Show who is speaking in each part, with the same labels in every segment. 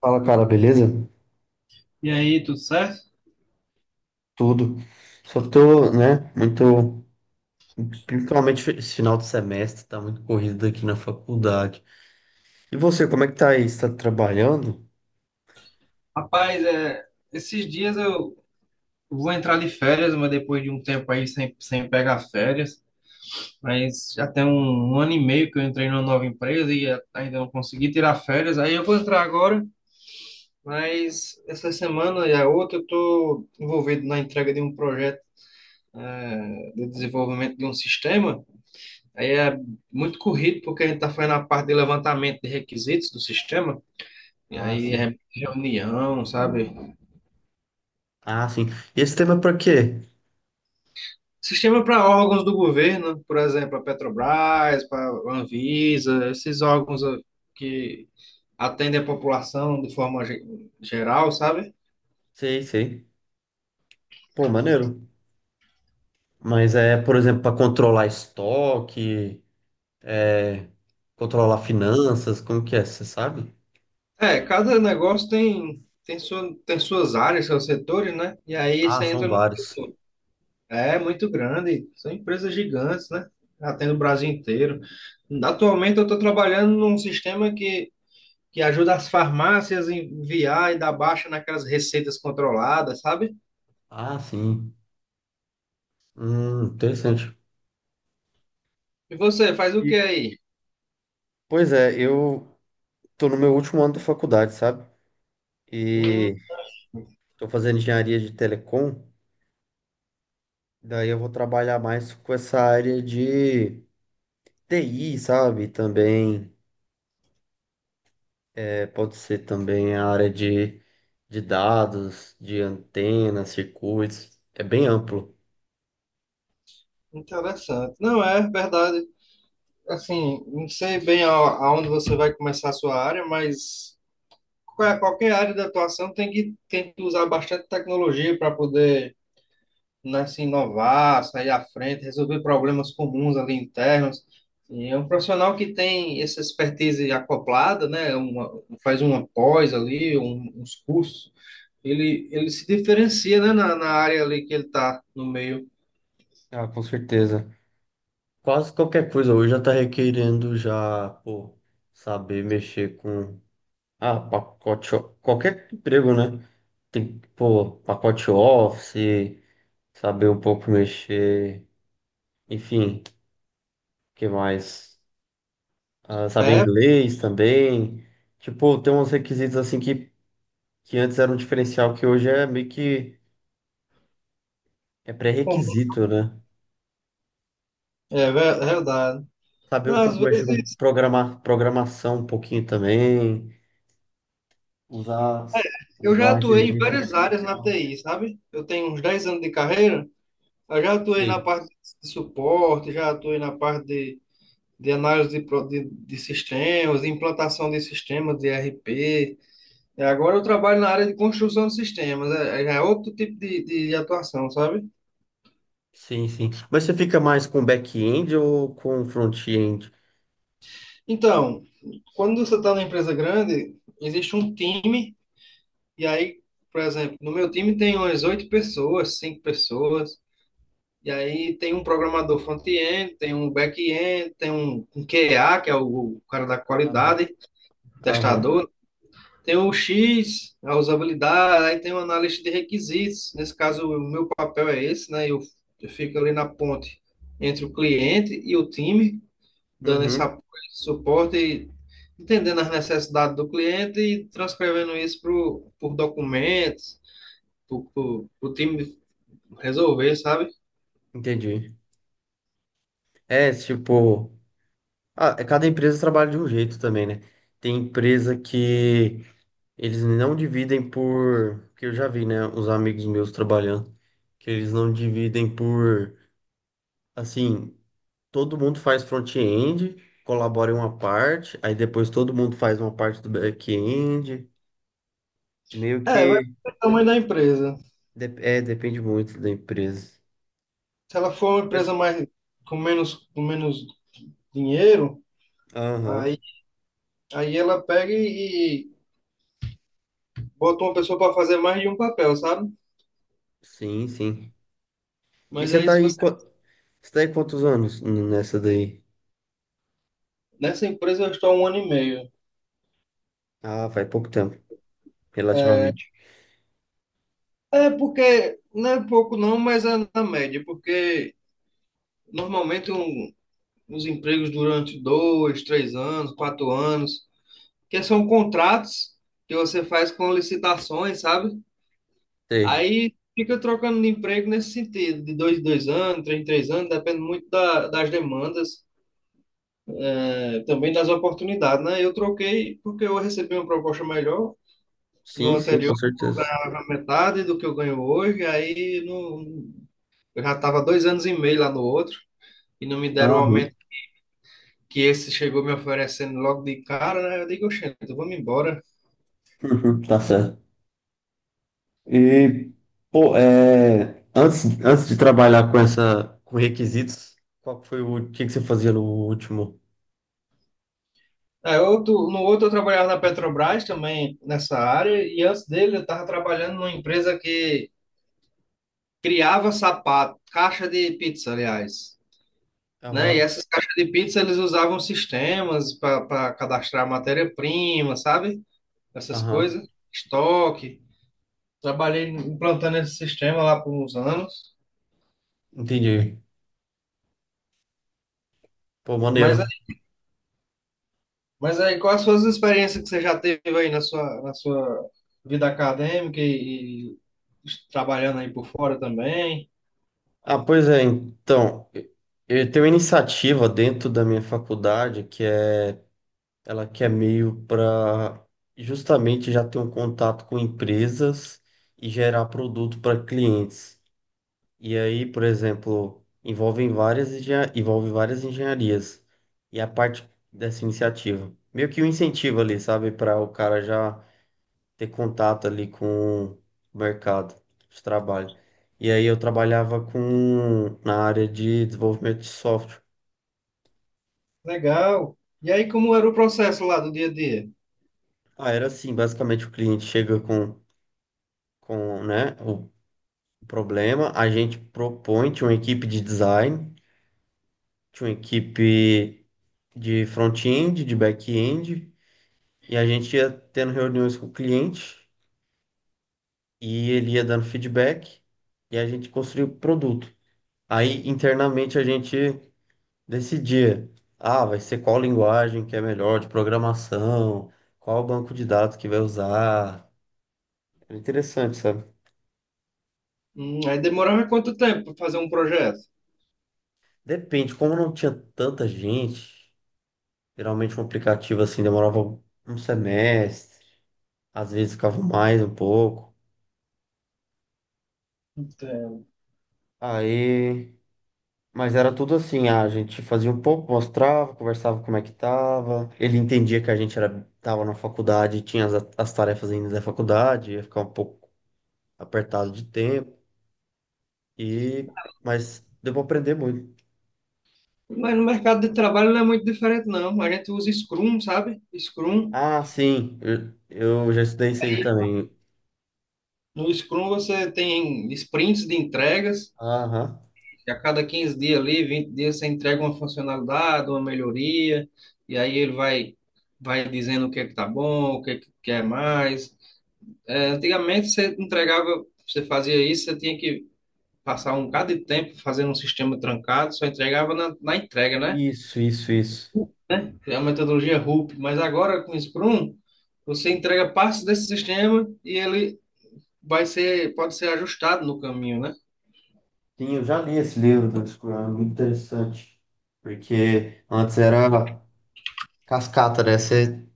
Speaker 1: Fala, cara, beleza?
Speaker 2: E aí, tudo certo?
Speaker 1: Tudo. Só tô, né, muito. Principalmente esse final de semestre, tá muito corrido aqui na faculdade. E você, como é que tá aí? Você tá trabalhando?
Speaker 2: Rapaz, esses dias eu vou entrar de férias, mas depois de um tempo aí sem pegar férias. Mas já tem 1 ano e meio que eu entrei numa nova empresa e ainda não consegui tirar férias. Aí eu vou entrar agora, mas essa semana e a outra eu estou envolvido na entrega de um projeto de desenvolvimento de um sistema. Aí é muito corrido porque a gente está fazendo a parte de levantamento de requisitos do sistema. E
Speaker 1: Ah,
Speaker 2: aí
Speaker 1: sim.
Speaker 2: é reunião, sabe?
Speaker 1: Ah, sim. E esse tema é pra quê?
Speaker 2: Sistema para órgãos do governo, por exemplo, a Petrobras, para a Anvisa, esses órgãos, que atendem a população de forma geral, sabe?
Speaker 1: Sei, sei. Pô, maneiro. Mas é, por exemplo, pra controlar estoque, é, controlar finanças, como que é? Você sabe?
Speaker 2: É, cada negócio tem suas áreas, seus setores, né? E aí
Speaker 1: Ah,
Speaker 2: você
Speaker 1: são
Speaker 2: entra no.
Speaker 1: vários.
Speaker 2: É muito grande, são empresas gigantes, né? Atende o Brasil inteiro. Atualmente eu estou trabalhando num sistema que ajuda as farmácias a enviar e dar baixa naquelas receitas controladas, sabe?
Speaker 1: Ah, sim. Interessante.
Speaker 2: E você, faz o
Speaker 1: E,
Speaker 2: que aí?
Speaker 1: pois é, eu tô no meu último ano da faculdade, sabe?
Speaker 2: Hum,
Speaker 1: E estou fazendo engenharia de telecom, daí eu vou trabalhar mais com essa área de TI, sabe? Também é, pode ser também a área de dados, de antenas, circuitos, é bem amplo.
Speaker 2: interessante. Não, é verdade. Assim, não sei bem aonde você vai começar a sua área, mas qualquer área de atuação tem tem que usar bastante tecnologia para poder, né, se inovar, sair à frente, resolver problemas comuns ali internos. E é um profissional que tem essa expertise acoplada, né, faz uma pós ali, uns cursos, ele se diferencia, né, na área ali que ele está no meio.
Speaker 1: Ah, com certeza. Quase qualquer coisa hoje já está requerendo já, pô, saber mexer com pacote, qualquer emprego, né? Tem pô, pacote Office, saber um pouco mexer, enfim. Que mais? Ah, saber
Speaker 2: É
Speaker 1: inglês também. Tipo, tem uns requisitos assim que antes era um diferencial que hoje é meio que é
Speaker 2: comum,
Speaker 1: pré-requisito, né?
Speaker 2: é é verdade.
Speaker 1: Saber um
Speaker 2: Não, às
Speaker 1: pouco mexer com
Speaker 2: vezes,
Speaker 1: programar, programação um pouquinho também, usar,
Speaker 2: eu já
Speaker 1: usar a
Speaker 2: atuei em
Speaker 1: inteligência
Speaker 2: várias áreas na
Speaker 1: artificial.
Speaker 2: TI, sabe? Eu tenho uns 10 anos de carreira, eu já atuei na
Speaker 1: Sim,
Speaker 2: parte de suporte, já atuei na parte de análise de sistemas, de implantação de sistemas de ERP. E agora eu trabalho na área de construção de sistemas, é já é outro tipo de atuação, sabe?
Speaker 1: sim, sim. Mas você fica mais com back-end ou com front-end?
Speaker 2: Então, quando você está numa empresa grande, existe um time, e aí, por exemplo, no meu time tem umas 8 pessoas, 5 pessoas. E aí tem um programador front-end, tem um back-end, tem um QA, que é o cara da
Speaker 1: Aham,
Speaker 2: qualidade,
Speaker 1: aham.
Speaker 2: testador, tem o X, a usabilidade, aí tem o analista de requisitos. Nesse caso, o meu papel é esse, né? Eu fico ali na ponte entre o cliente e o time, dando esse
Speaker 1: Uhum,
Speaker 2: apoio, esse suporte, e entendendo as necessidades do cliente e transcrevendo isso pro, por documentos, para o time resolver, sabe?
Speaker 1: entendi. É, tipo, cada empresa trabalha de um jeito também, né? Tem empresa que eles não dividem por, que eu já vi, né, os amigos meus trabalhando, que eles não dividem por, assim, todo mundo faz front-end, colabora em uma parte, aí depois todo mundo faz uma parte do back-end, meio
Speaker 2: É, vai
Speaker 1: que,
Speaker 2: depender do tamanho da empresa.
Speaker 1: é, depende muito da empresa.
Speaker 2: Se ela for uma empresa
Speaker 1: Mas,
Speaker 2: mais com menos dinheiro,
Speaker 1: aham,
Speaker 2: aí, aí ela pega e bota uma pessoa para fazer mais de um papel, sabe?
Speaker 1: sim, sim. E
Speaker 2: Mas
Speaker 1: você
Speaker 2: aí
Speaker 1: tá
Speaker 2: se
Speaker 1: aí,
Speaker 2: você
Speaker 1: você tá aí quantos anos nessa daí?
Speaker 2: nessa empresa eu estou há 1 ano e meio.
Speaker 1: Ah, faz pouco tempo, relativamente.
Speaker 2: É porque não é pouco não, mas é na média, porque normalmente os empregos durante 2, 3 anos, 4 anos, que são contratos que você faz com licitações, sabe?
Speaker 1: Sei.
Speaker 2: Aí fica trocando de emprego nesse sentido, de 2 em 2 anos, 3 em 3 anos, depende muito das demandas, também das oportunidades, né? Eu troquei porque eu recebi uma proposta melhor no
Speaker 1: Sim, sim, com
Speaker 2: anterior, eu
Speaker 1: certeza.
Speaker 2: ganhava metade do que eu ganho hoje, aí não, eu já estava 2 anos e meio lá no outro e não me deram o
Speaker 1: Aham,
Speaker 2: aumento que esse chegou me oferecendo logo de cara, né? Eu digo, oxente, vamos embora.
Speaker 1: tá certo. E, pô, é, antes de trabalhar com com requisitos, qual que foi o que que você fazia no último?
Speaker 2: É, outro, no outro eu trabalhava na Petrobras também nessa área e antes dele eu estava trabalhando numa empresa que criava sapato, caixa de pizza, aliás, né? E
Speaker 1: Aham,
Speaker 2: essas caixas de pizza eles usavam sistemas para cadastrar matéria-prima, sabe? Essas
Speaker 1: aham,
Speaker 2: coisas, estoque. Trabalhei implantando esse sistema lá por uns anos.
Speaker 1: entendi. Pô,
Speaker 2: Mas
Speaker 1: maneiro.
Speaker 2: aí, mas aí, quais as suas experiências que você já teve aí na sua vida acadêmica e trabalhando aí por fora também?
Speaker 1: Ah, pois é, então, eu tenho uma iniciativa dentro da minha faculdade que é, ela que é meio para justamente já ter um contato com empresas e gerar produto para clientes. E aí, por exemplo, envolvem envolve várias engenharias. E a parte dessa iniciativa. Meio que um incentivo ali, sabe? Para o cara já ter contato ali com o mercado de trabalho. E aí eu trabalhava com na área de desenvolvimento de software.
Speaker 2: Legal. E aí, como era o processo lá do dia a dia?
Speaker 1: Ah, era assim, basicamente o cliente chega com, né, o problema, a gente propõe, tinha uma equipe de design, tinha uma equipe de front-end, de back-end. E a gente ia tendo reuniões com o cliente e ele ia dando feedback e a gente construía o produto. Aí internamente a gente decidia, vai ser qual linguagem que é melhor de programação, qual banco de dados que vai usar. Era interessante, sabe?
Speaker 2: Aí demorava quanto tempo para fazer um projeto?
Speaker 1: Depende, como não tinha tanta gente, geralmente um aplicativo assim demorava um semestre, às vezes ficava mais um pouco. Aí Mas era tudo assim, a gente fazia um pouco, mostrava, conversava como é que tava. Ele entendia que a gente era, tava na faculdade, tinha as tarefas ainda da faculdade, ia ficar um pouco apertado de tempo. E, mas deu pra aprender muito.
Speaker 2: Mas no mercado de trabalho não é muito diferente, não. A gente usa Scrum, sabe? Scrum.
Speaker 1: Ah, sim, eu já estudei isso aí também.
Speaker 2: No Scrum você tem sprints de entregas,
Speaker 1: Aham.
Speaker 2: que a cada 15 dias ali, 20 dias, você entrega uma funcionalidade, uma melhoria, e aí vai dizendo o que é que tá bom, o que é que quer mais. É, antigamente você entregava, você fazia isso, você tinha que passar um bocado de tempo fazendo um sistema trancado, só entregava na entrega, né?
Speaker 1: Isso, isso, isso.
Speaker 2: Criar uma metodologia RUP, mas agora com o Scrum, você entrega partes desse sistema e ele pode ser ajustado no caminho, né?
Speaker 1: Sim, eu já li esse livro do Discurso, é muito interessante. Porque antes era cascata, né? Você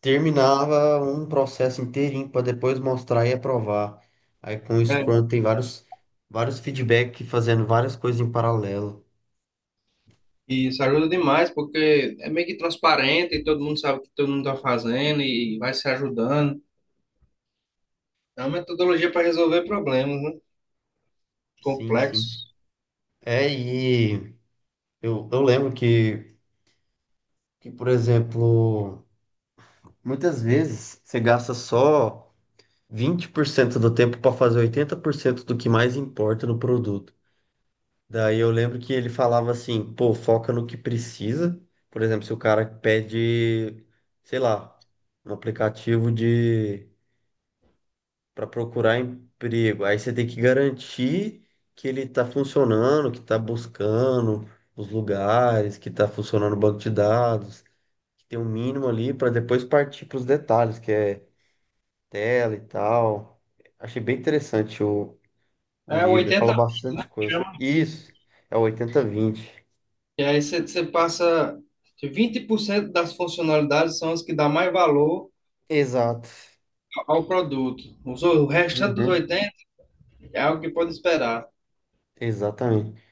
Speaker 1: terminava um processo inteirinho para depois mostrar e aprovar. Aí com o
Speaker 2: É,
Speaker 1: Scrum tem vários feedback fazendo várias coisas em paralelo.
Speaker 2: e isso ajuda demais, porque é meio que transparente e todo mundo sabe o que todo mundo está fazendo e vai se ajudando. É uma metodologia para resolver problemas, né?
Speaker 1: Sim, sim.
Speaker 2: Complexos.
Speaker 1: É, e eu lembro que, por exemplo, muitas vezes você gasta só 20% do tempo para fazer 80% do que mais importa no produto. Daí eu lembro que ele falava assim, pô, foca no que precisa. Por exemplo, se o cara pede, sei lá, um aplicativo de para procurar emprego, aí você tem que garantir que ele está funcionando, que está buscando os lugares, que está funcionando o banco de dados, que tem um mínimo ali para depois partir para os detalhes, que é tela e tal. Achei bem interessante o
Speaker 2: É
Speaker 1: livro, ele
Speaker 2: 80
Speaker 1: fala bastante coisa.
Speaker 2: chama.
Speaker 1: Isso, é o 80/20.
Speaker 2: E aí você passa. Que 20% das funcionalidades são as que dá mais valor
Speaker 1: Exato.
Speaker 2: ao produto. O restante dos
Speaker 1: Uhum,
Speaker 2: 80% é algo que pode esperar.
Speaker 1: exatamente.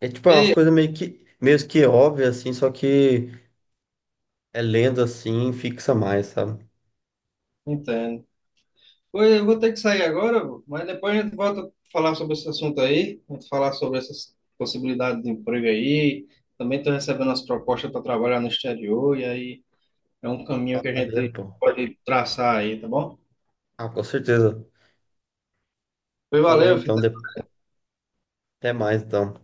Speaker 1: É tipo, é umas
Speaker 2: E
Speaker 1: coisas meio que óbvias, assim, só que é lendo assim, fixa mais, sabe?
Speaker 2: entendo. Oi, eu vou ter que sair agora, vô, mas depois a gente volta a falar sobre esse assunto aí, a gente falar sobre essas possibilidades de emprego aí. Também estou recebendo as propostas para trabalhar no exterior, e aí é um caminho que a
Speaker 1: Maneiro,
Speaker 2: gente
Speaker 1: pô.
Speaker 2: pode traçar aí, tá bom?
Speaker 1: Ah, com certeza.
Speaker 2: Pois
Speaker 1: Falou
Speaker 2: valeu,
Speaker 1: então,
Speaker 2: filho.
Speaker 1: até mais então.